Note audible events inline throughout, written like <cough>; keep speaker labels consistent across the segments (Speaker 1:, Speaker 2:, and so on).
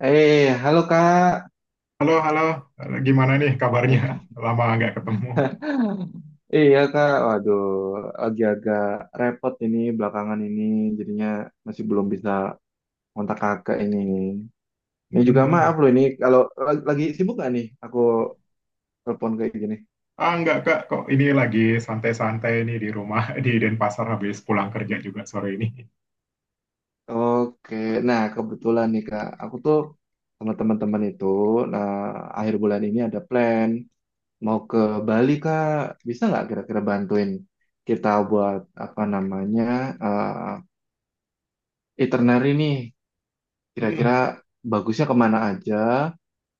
Speaker 1: Eh, halo Kak.
Speaker 2: Halo, halo. Gimana nih kabarnya?
Speaker 1: Eh,
Speaker 2: <laughs> Lama nggak ketemu.
Speaker 1: <laughs> iya Kak. Waduh, lagi agak repot ini belakangan ini. Jadinya masih belum bisa kontak Kakak ini. Ini juga maaf
Speaker 2: Mm-mm.
Speaker 1: loh ini kalau lagi sibuk gak nih aku
Speaker 2: Kok-
Speaker 1: telepon kayak gini.
Speaker 2: Ah, nggak, Kak. Kok ini lagi santai-santai nih di rumah <laughs> di Denpasar habis pulang kerja juga sore ini.
Speaker 1: Oke, nah kebetulan nih Kak, aku tuh sama teman-teman itu, nah akhir bulan ini ada plan mau ke Bali Kak, bisa nggak kira-kira bantuin kita buat apa namanya eh, itinerary nih
Speaker 2: Mm,
Speaker 1: kira-kira bagusnya kemana aja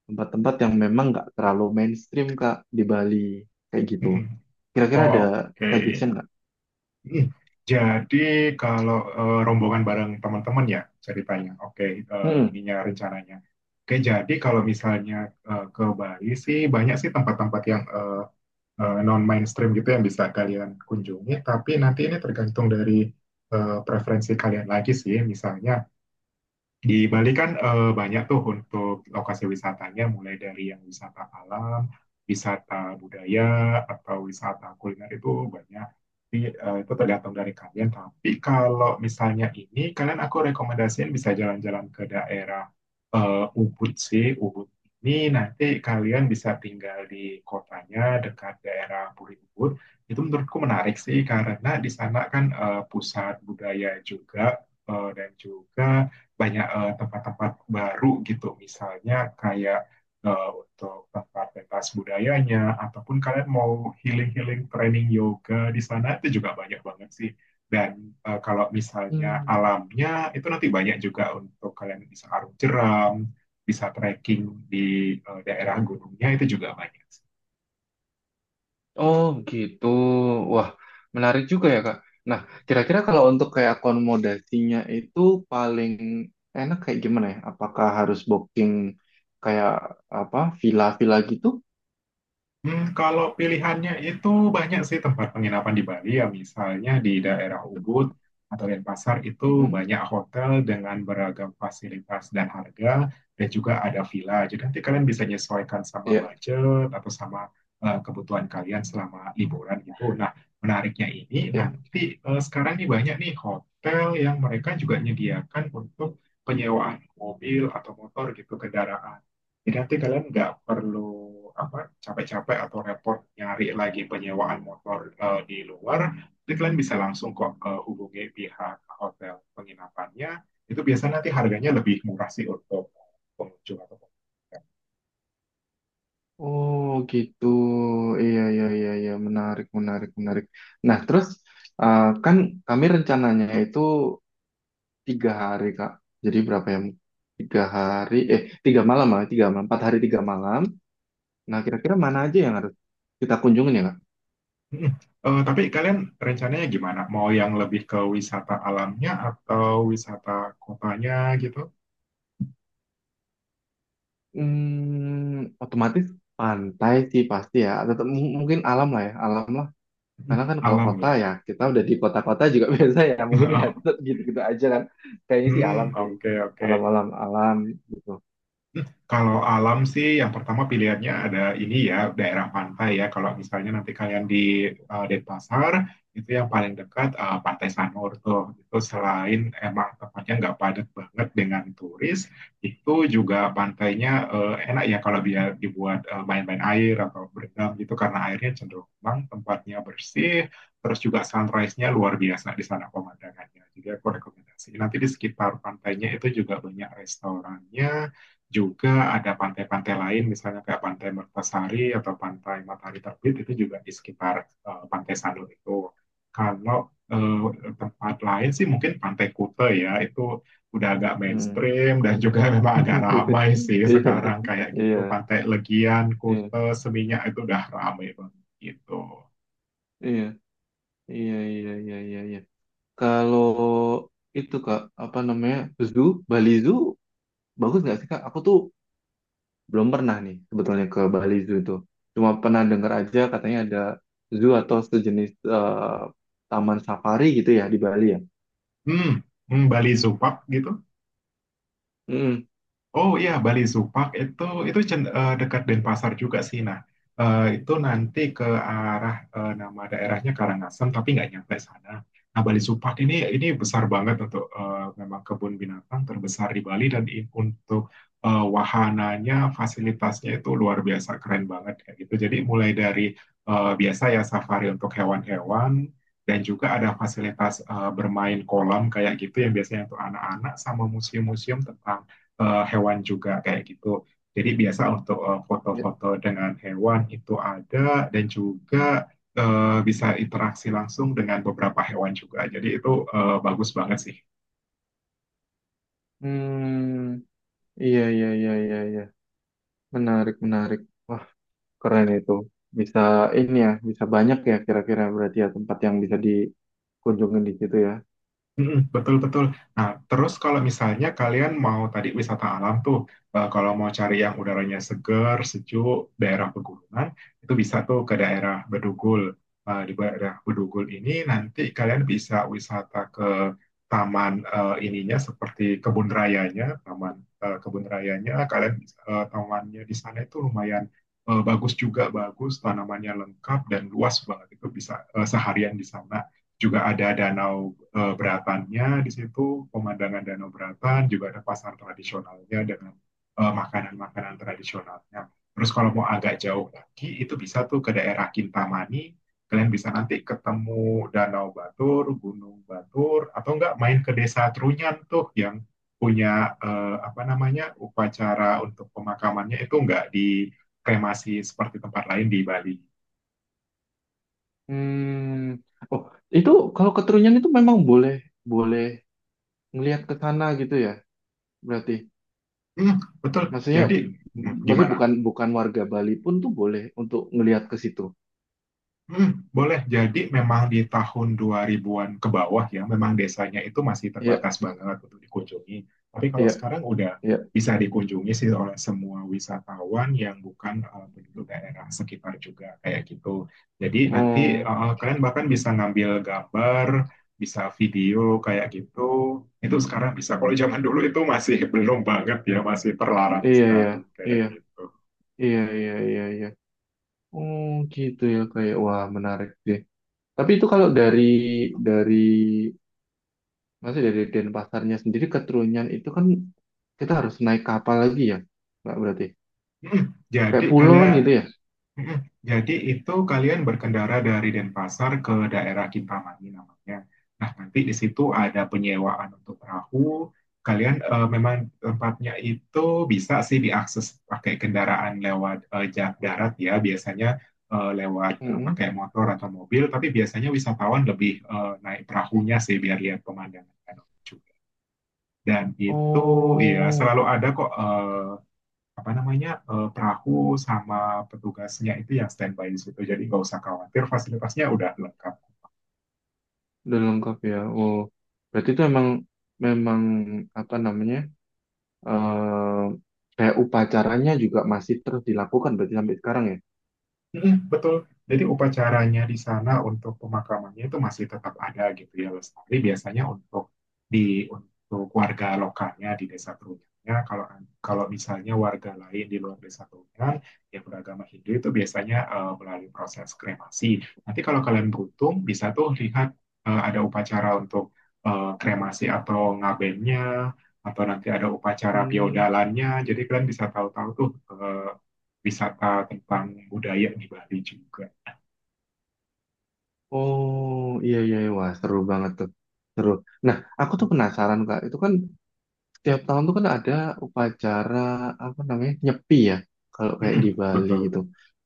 Speaker 1: tempat-tempat yang memang nggak terlalu mainstream Kak di Bali kayak gitu.
Speaker 2: mm-mm.
Speaker 1: Kira-kira ada
Speaker 2: Oke.
Speaker 1: suggestion nggak?
Speaker 2: Mm. Jadi kalau rombongan bareng teman-teman ya ceritanya. Oke,
Speaker 1: Hmm.
Speaker 2: ininya rencananya. Oke, jadi kalau misalnya ke Bali sih banyak sih tempat-tempat yang non mainstream gitu yang bisa kalian kunjungi. Tapi nanti ini tergantung dari preferensi kalian lagi sih. Misalnya di Bali kan banyak tuh untuk lokasi wisatanya, mulai dari yang wisata alam, wisata budaya, atau wisata kuliner itu banyak. Jadi, itu tergantung dari kalian. Tapi kalau misalnya ini, kalian aku rekomendasiin bisa jalan-jalan ke daerah Ubud sih. Ubud ini nanti kalian bisa tinggal di kotanya dekat daerah Puri Ubud. Itu menurutku menarik sih karena di sana kan pusat budaya juga dan juga banyak tempat-tempat baru gitu, misalnya kayak untuk tempat pentas budayanya, ataupun kalian mau healing-healing training yoga di sana itu juga banyak banget sih. Dan kalau misalnya
Speaker 1: Hmm.
Speaker 2: alamnya itu nanti banyak juga untuk kalian bisa arung jeram, bisa trekking di daerah gunungnya itu juga banyak.
Speaker 1: Oh gitu. Wah, menarik juga ya, Kak. Nah, kira-kira kalau untuk kayak akomodasinya itu paling enak kayak gimana ya? Apakah harus booking kayak apa villa-villa gitu?
Speaker 2: Hmm, kalau pilihannya itu banyak sih tempat penginapan di Bali ya misalnya di daerah Ubud atau Denpasar itu
Speaker 1: Hmm. Mm.
Speaker 2: banyak hotel dengan beragam fasilitas dan harga dan juga ada villa. Jadi nanti kalian bisa menyesuaikan sama
Speaker 1: Ya,
Speaker 2: budget atau sama kebutuhan kalian selama liburan gitu. Nah, menariknya ini
Speaker 1: ya.
Speaker 2: nanti sekarang nih banyak nih hotel yang mereka juga menyediakan untuk penyewaan mobil atau motor gitu kendaraan. Jadi nanti kalian nggak perlu apa capek-capek atau repot nyari lagi penyewaan motor di luar. Jadi kalian bisa langsung kok hubungi pihak hotel penginapannya. Itu biasanya nanti harganya lebih murah sih untuk pengunjung atau pengunjung.
Speaker 1: Oh gitu, iya iya iya iya, menarik menarik menarik. Nah terus kan kami rencananya itu tiga hari Kak, jadi berapa ya? Tiga hari, eh tiga malam lah, tiga malam, empat hari tiga malam. Nah kira-kira mana aja yang harus kita kunjungin ya Kak?
Speaker 2: Mm. Tapi kalian rencananya gimana? Mau yang lebih ke wisata alamnya atau wisata kotanya gitu?
Speaker 1: Hmm, otomatis pantai sih pasti ya, atau mungkin alam lah ya, alam lah.
Speaker 2: Mm,
Speaker 1: Karena kan kalau
Speaker 2: alam
Speaker 1: kota
Speaker 2: ya.
Speaker 1: ya, kita udah di kota-kota juga <laughs> biasa ya, mungkin ya
Speaker 2: <laughs>
Speaker 1: tetep gitu-gitu aja kan. Kayaknya sih alam
Speaker 2: Hmm,
Speaker 1: sih,
Speaker 2: oke oke.
Speaker 1: alam-alam alam gitu.
Speaker 2: Hmm, kalau alam sih yang pertama pilihannya ada ini ya daerah pantai ya. Kalau misalnya nanti kalian di Denpasar itu yang paling dekat Pantai Sanur tuh. Itu selain emang tempatnya nggak padat banget dengan turis, itu juga pantainya enak ya kalau dia dibuat main-main air atau berenang gitu karena airnya cenderung tenang, tempatnya bersih, terus juga sunrise-nya luar biasa di sana pemandangannya. Jadi aku rekomendasi. Nanti di sekitar pantainya itu juga banyak restorannya juga ada pantai-pantai lain, misalnya kayak Pantai Mertasari atau Pantai Matahari Terbit itu juga di sekitar Pantai Sanur itu. Kalau tempat lain sih mungkin Pantai Kuta ya, itu udah agak
Speaker 1: Hmm.
Speaker 2: mainstream dan juga <laughs> memang agak ramai sih sekarang
Speaker 1: <laughs>
Speaker 2: kayak gitu.
Speaker 1: Iya,
Speaker 2: Pantai Legian, Kuta, Seminyak itu udah ramai banget gitu.
Speaker 1: iya, iya, iya, iya, iya, iya, iya, iya. Kalau itu Kak, apa namanya, zoo, Bali Zoo, bagus nggak sih Kak? Aku tuh belum pernah nih sebetulnya ke Bali Zoo itu. Cuma pernah dengar aja katanya ada zoo atau sejenis eh, taman safari gitu ya di Bali ya.
Speaker 2: Hmm, hmm, Bali Zupak gitu.
Speaker 1: Hmm.
Speaker 2: Oh iya, Bali Zupak itu dekat Denpasar juga sih. Nah, itu nanti ke arah nama daerahnya Karangasem, tapi nggak nyampe sana. Nah, Bali Zupak ini besar banget untuk memang kebun binatang terbesar di Bali dan untuk wahananya, fasilitasnya itu luar biasa keren banget kayak gitu. Jadi mulai dari biasa ya safari untuk hewan-hewan dan juga ada fasilitas bermain kolam kayak gitu yang biasanya untuk anak-anak sama museum-museum tentang hewan juga kayak gitu. Jadi biasa untuk foto-foto dengan hewan itu ada dan juga bisa interaksi langsung dengan beberapa hewan juga. Jadi itu bagus banget sih.
Speaker 1: Hmm, iya iya iya iya iya. Menarik menarik. Wah, keren itu. Bisa ini ya, bisa banyak ya kira-kira berarti ya tempat yang bisa dikunjungi di situ ya.
Speaker 2: Mm, betul, betul. Nah, terus kalau misalnya kalian mau tadi wisata alam tuh, kalau mau cari yang udaranya seger, sejuk, daerah pegunungan, itu bisa tuh ke daerah Bedugul. Di daerah Bedugul ini nanti kalian bisa wisata ke taman ininya seperti kebun rayanya, taman kebun rayanya, kalian bisa, tamannya di sana itu lumayan bagus juga, bagus, tanamannya lengkap dan luas banget. Itu bisa seharian di sana juga ada danau beratannya di situ, pemandangan danau beratan, juga ada pasar tradisionalnya dengan makanan-makanan tradisionalnya. Terus kalau mau agak jauh lagi, itu bisa tuh ke daerah Kintamani, kalian bisa nanti ketemu Danau Batur, Gunung Batur, atau enggak main ke Desa Trunyan tuh yang punya apa namanya upacara untuk pemakamannya itu enggak dikremasi seperti tempat lain di Bali.
Speaker 1: Hmm. Oh, itu kalau ke Trunyan itu memang boleh boleh ngelihat ke sana gitu ya. Berarti
Speaker 2: Hmm, betul.
Speaker 1: maksudnya
Speaker 2: Jadi hmm,
Speaker 1: maksudnya
Speaker 2: gimana.
Speaker 1: bukan bukan warga Bali pun tuh boleh untuk ngelihat ke situ.
Speaker 2: Mhm, boleh. Jadi memang di tahun 2000-an ke bawah ya, memang desanya itu masih
Speaker 1: Iya,
Speaker 2: terbatas banget untuk dikunjungi. Tapi kalau
Speaker 1: iya,
Speaker 2: sekarang udah
Speaker 1: iya.
Speaker 2: bisa dikunjungi sih oleh semua wisatawan yang bukan penduduk daerah sekitar juga kayak gitu. Jadi nanti
Speaker 1: Oh,
Speaker 2: kalian bahkan bisa ngambil gambar, bisa video kayak gitu. Itu sekarang bisa. Kalau zaman dulu itu masih <laughs> belum banget ya, masih terlarang
Speaker 1: iya iya.
Speaker 2: sekali kayak
Speaker 1: Iya,
Speaker 2: gitu.
Speaker 1: iya iya iya iya. Oh, gitu ya kayak wah menarik sih. Tapi itu kalau dari dari masih dari Denpasarnya sendiri ke Trunyan itu kan kita harus naik kapal lagi ya, nggak berarti
Speaker 2: Mhm, jadi
Speaker 1: kayak pulau kan
Speaker 2: kalian.
Speaker 1: gitu ya?
Speaker 2: Mm-mm. Jadi itu kalian berkendara dari Denpasar ke daerah Kintamani namanya. Nah, nanti di situ ada penyewaan untuk perahu. Kalian memang tempatnya itu bisa sih diakses pakai kendaraan lewat jalan darat ya, biasanya
Speaker 1: Mm-mm.
Speaker 2: pakai motor
Speaker 1: Oh,
Speaker 2: atau mobil, tapi biasanya wisatawan lebih naik perahunya sih biar lihat pemandangan danau juga. Dan itu ya
Speaker 1: oh,
Speaker 2: selalu ada kok apa namanya perahu sama petugasnya itu yang standby di situ jadi nggak usah khawatir fasilitasnya udah lengkap.
Speaker 1: udah lengkap ya. Oh, berarti itu emang memang apa namanya eh kayak upacaranya juga masih terus dilakukan berarti sampai sekarang ya?
Speaker 2: Mm-mm, betul. Jadi upacaranya di sana untuk pemakamannya itu masih tetap ada gitu ya lestari biasanya untuk di untuk warga lokalnya di desa Trunyannya. Kalau kalau misalnya warga lain di luar desa Trunyan yang beragama Hindu itu biasanya melalui proses kremasi. Nanti kalau kalian beruntung bisa tuh lihat ada upacara untuk kremasi atau ngabennya atau nanti ada upacara
Speaker 1: Hmm.
Speaker 2: biodalannya. Jadi kalian bisa tahu-tahu tuh wisata tentang budaya di Bali juga.
Speaker 1: Oh, iya iya, iya. Wah seru banget tuh, seru. Nah, aku tuh penasaran Kak, itu kan tiap tahun tuh kan ada upacara apa namanya nyepi ya kalau kayak di Bali
Speaker 2: Betul.
Speaker 1: itu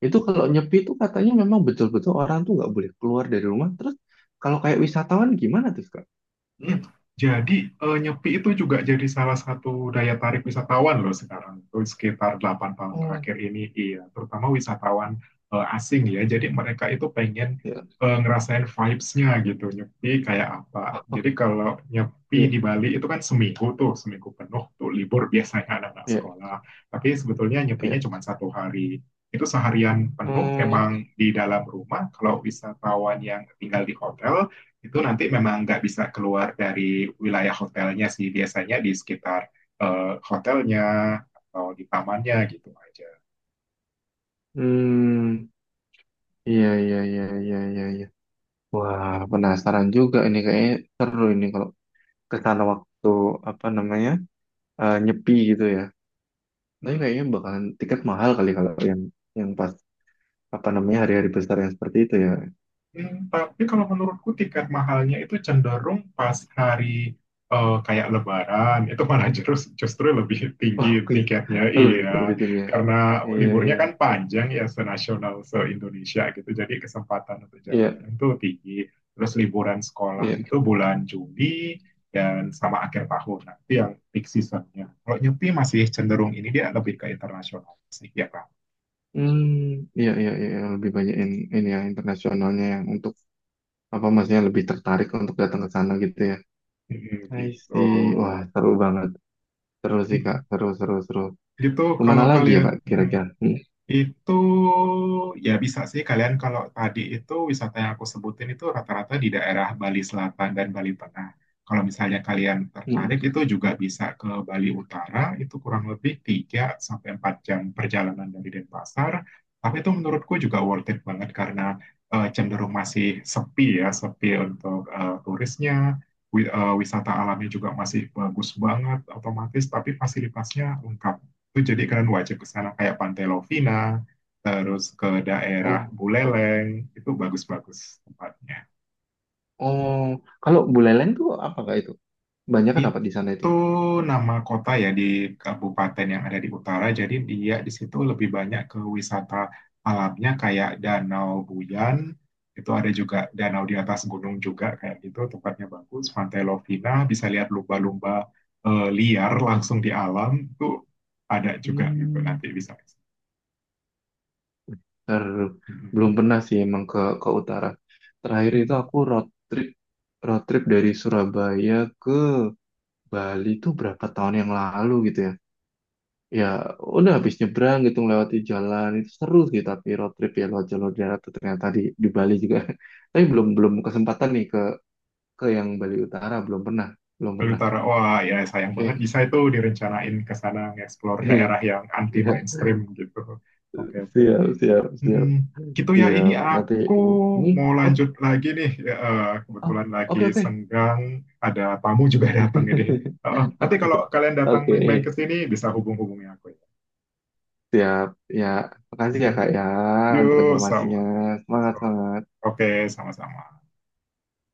Speaker 1: itu kalau nyepi itu katanya memang betul-betul orang tuh nggak boleh keluar dari rumah terus kalau kayak wisatawan gimana tuh kak.
Speaker 2: Hmm. Jadi Nyepi itu juga jadi salah satu daya tarik wisatawan loh sekarang. Itu sekitar 8 tahun
Speaker 1: Oh
Speaker 2: terakhir ini, iya, terutama wisatawan asing ya. Jadi mereka itu pengen
Speaker 1: ya.
Speaker 2: ngerasain vibes-nya gitu, Nyepi kayak apa. Jadi kalau
Speaker 1: <laughs>
Speaker 2: Nyepi
Speaker 1: Iya
Speaker 2: di Bali itu kan seminggu tuh, seminggu penuh tuh libur biasanya anak-anak
Speaker 1: iya
Speaker 2: sekolah. Tapi sebetulnya Nyepinya
Speaker 1: iya.
Speaker 2: cuma satu hari. Itu seharian penuh
Speaker 1: Hmm.
Speaker 2: memang di dalam rumah. Kalau wisatawan yang tinggal di hotel, itu nanti memang nggak bisa keluar dari wilayah hotelnya sih biasanya di sekitar hotelnya atau di tamannya gitu aja.
Speaker 1: Hmm, iya iya iya iya iya iya, wah penasaran juga ini kayaknya seru ini kalau ke sana waktu apa namanya nyepi gitu ya, tapi
Speaker 2: Hmm.
Speaker 1: kayaknya bakalan tiket mahal kali kalau yang pas apa namanya hari-hari besar yang seperti itu ya.
Speaker 2: Hmm, tapi kalau menurutku tiket mahalnya itu cenderung pas hari kayak Lebaran itu malah justru justru lebih
Speaker 1: Oh,
Speaker 2: tinggi
Speaker 1: Queen.
Speaker 2: tiketnya
Speaker 1: <laughs> Lebih
Speaker 2: iya
Speaker 1: lebih tinggi. Ya.
Speaker 2: karena
Speaker 1: Iya, iya.
Speaker 2: liburnya kan panjang ya senasional se Indonesia gitu jadi kesempatan untuk
Speaker 1: Iya,
Speaker 2: jalan-jalan itu tinggi terus liburan sekolah
Speaker 1: iya.
Speaker 2: itu bulan Juli dan sama akhir tahun nanti yang peak seasonnya kalau nyepi masih cenderung ini dia lebih ke internasional sih ya kan.
Speaker 1: Hmm, iya, iya, iya, lebih banyak ini ya internasionalnya yang untuk apa maksudnya lebih tertarik untuk datang ke sana gitu ya.
Speaker 2: Mm,
Speaker 1: I
Speaker 2: gitu.
Speaker 1: see. Wah, seru banget. Seru sih, Kak.
Speaker 2: Mm.
Speaker 1: Seru, seru, seru.
Speaker 2: Gitu
Speaker 1: Kemana
Speaker 2: kalau
Speaker 1: lagi ya,
Speaker 2: kalian.
Speaker 1: Kak, kira-kira? Hmm,
Speaker 2: Itu ya bisa sih kalian kalau tadi itu wisata yang aku sebutin itu rata-rata di daerah Bali Selatan dan Bali Tengah. Kalau misalnya kalian
Speaker 1: hmm.
Speaker 2: tertarik
Speaker 1: Hmm.
Speaker 2: itu juga bisa ke Bali Utara, itu kurang lebih 3 sampai 4 jam perjalanan dari Denpasar. Tapi itu menurutku juga worth it banget karena cenderung masih sepi ya, sepi untuk turisnya. Wisata alamnya juga masih bagus banget otomatis, tapi fasilitasnya lengkap itu jadi kalian wajib ke sana kayak Pantai Lovina, terus ke daerah
Speaker 1: Oh,
Speaker 2: Buleleng, itu bagus-bagus tempatnya.
Speaker 1: oh. Kalau Buleleng tuh apa, Kak, itu? Banyak kan apa di sana itu?
Speaker 2: Itu nama kota ya di kabupaten yang ada di utara, jadi dia di situ lebih banyak ke wisata alamnya kayak Danau Buyan, itu ada juga danau di atas gunung juga kayak gitu, tempatnya bagus. Pantai Lovina bisa lihat lumba-lumba liar langsung di alam, itu ada juga gitu
Speaker 1: Hmm.
Speaker 2: nanti bisa.
Speaker 1: Ter, belum pernah sih emang ke utara. Terakhir itu aku
Speaker 2: <laughs>
Speaker 1: road trip dari Surabaya ke Bali tuh berapa tahun yang lalu gitu ya. Ya udah habis nyebrang gitu melewati jalan itu seru sih tapi road trip ya lewat jalur darat tuh ternyata di Bali juga. <laughs> Tapi belum belum kesempatan nih ke yang Bali Utara, belum
Speaker 2: Bali
Speaker 1: pernah.
Speaker 2: Utara. Wah, ya sayang banget
Speaker 1: Oke.
Speaker 2: bisa itu direncanain ke sana nge-explore daerah
Speaker 1: <laughs>
Speaker 2: yang anti
Speaker 1: Ya,
Speaker 2: mainstream gitu. Oke, oke.
Speaker 1: siap
Speaker 2: Mm, gitu ya ini
Speaker 1: siap nanti
Speaker 2: aku
Speaker 1: ini,
Speaker 2: mau
Speaker 1: oke
Speaker 2: lanjut lagi nih. Ya,
Speaker 1: oh,
Speaker 2: kebetulan lagi
Speaker 1: oke oke.
Speaker 2: senggang, ada tamu juga <laughs> datang ini.
Speaker 1: <laughs>
Speaker 2: Eh, nanti
Speaker 1: Oke,
Speaker 2: kalau kalian datang
Speaker 1: oke,
Speaker 2: main-main ke sini bisa hubung-hubungi aku ya.
Speaker 1: siap. Ya, makasih ya
Speaker 2: Mm,
Speaker 1: Kak ya untuk
Speaker 2: yuk,
Speaker 1: informasinya.
Speaker 2: sama.
Speaker 1: Semangat, semangat.
Speaker 2: Oke, sama-sama.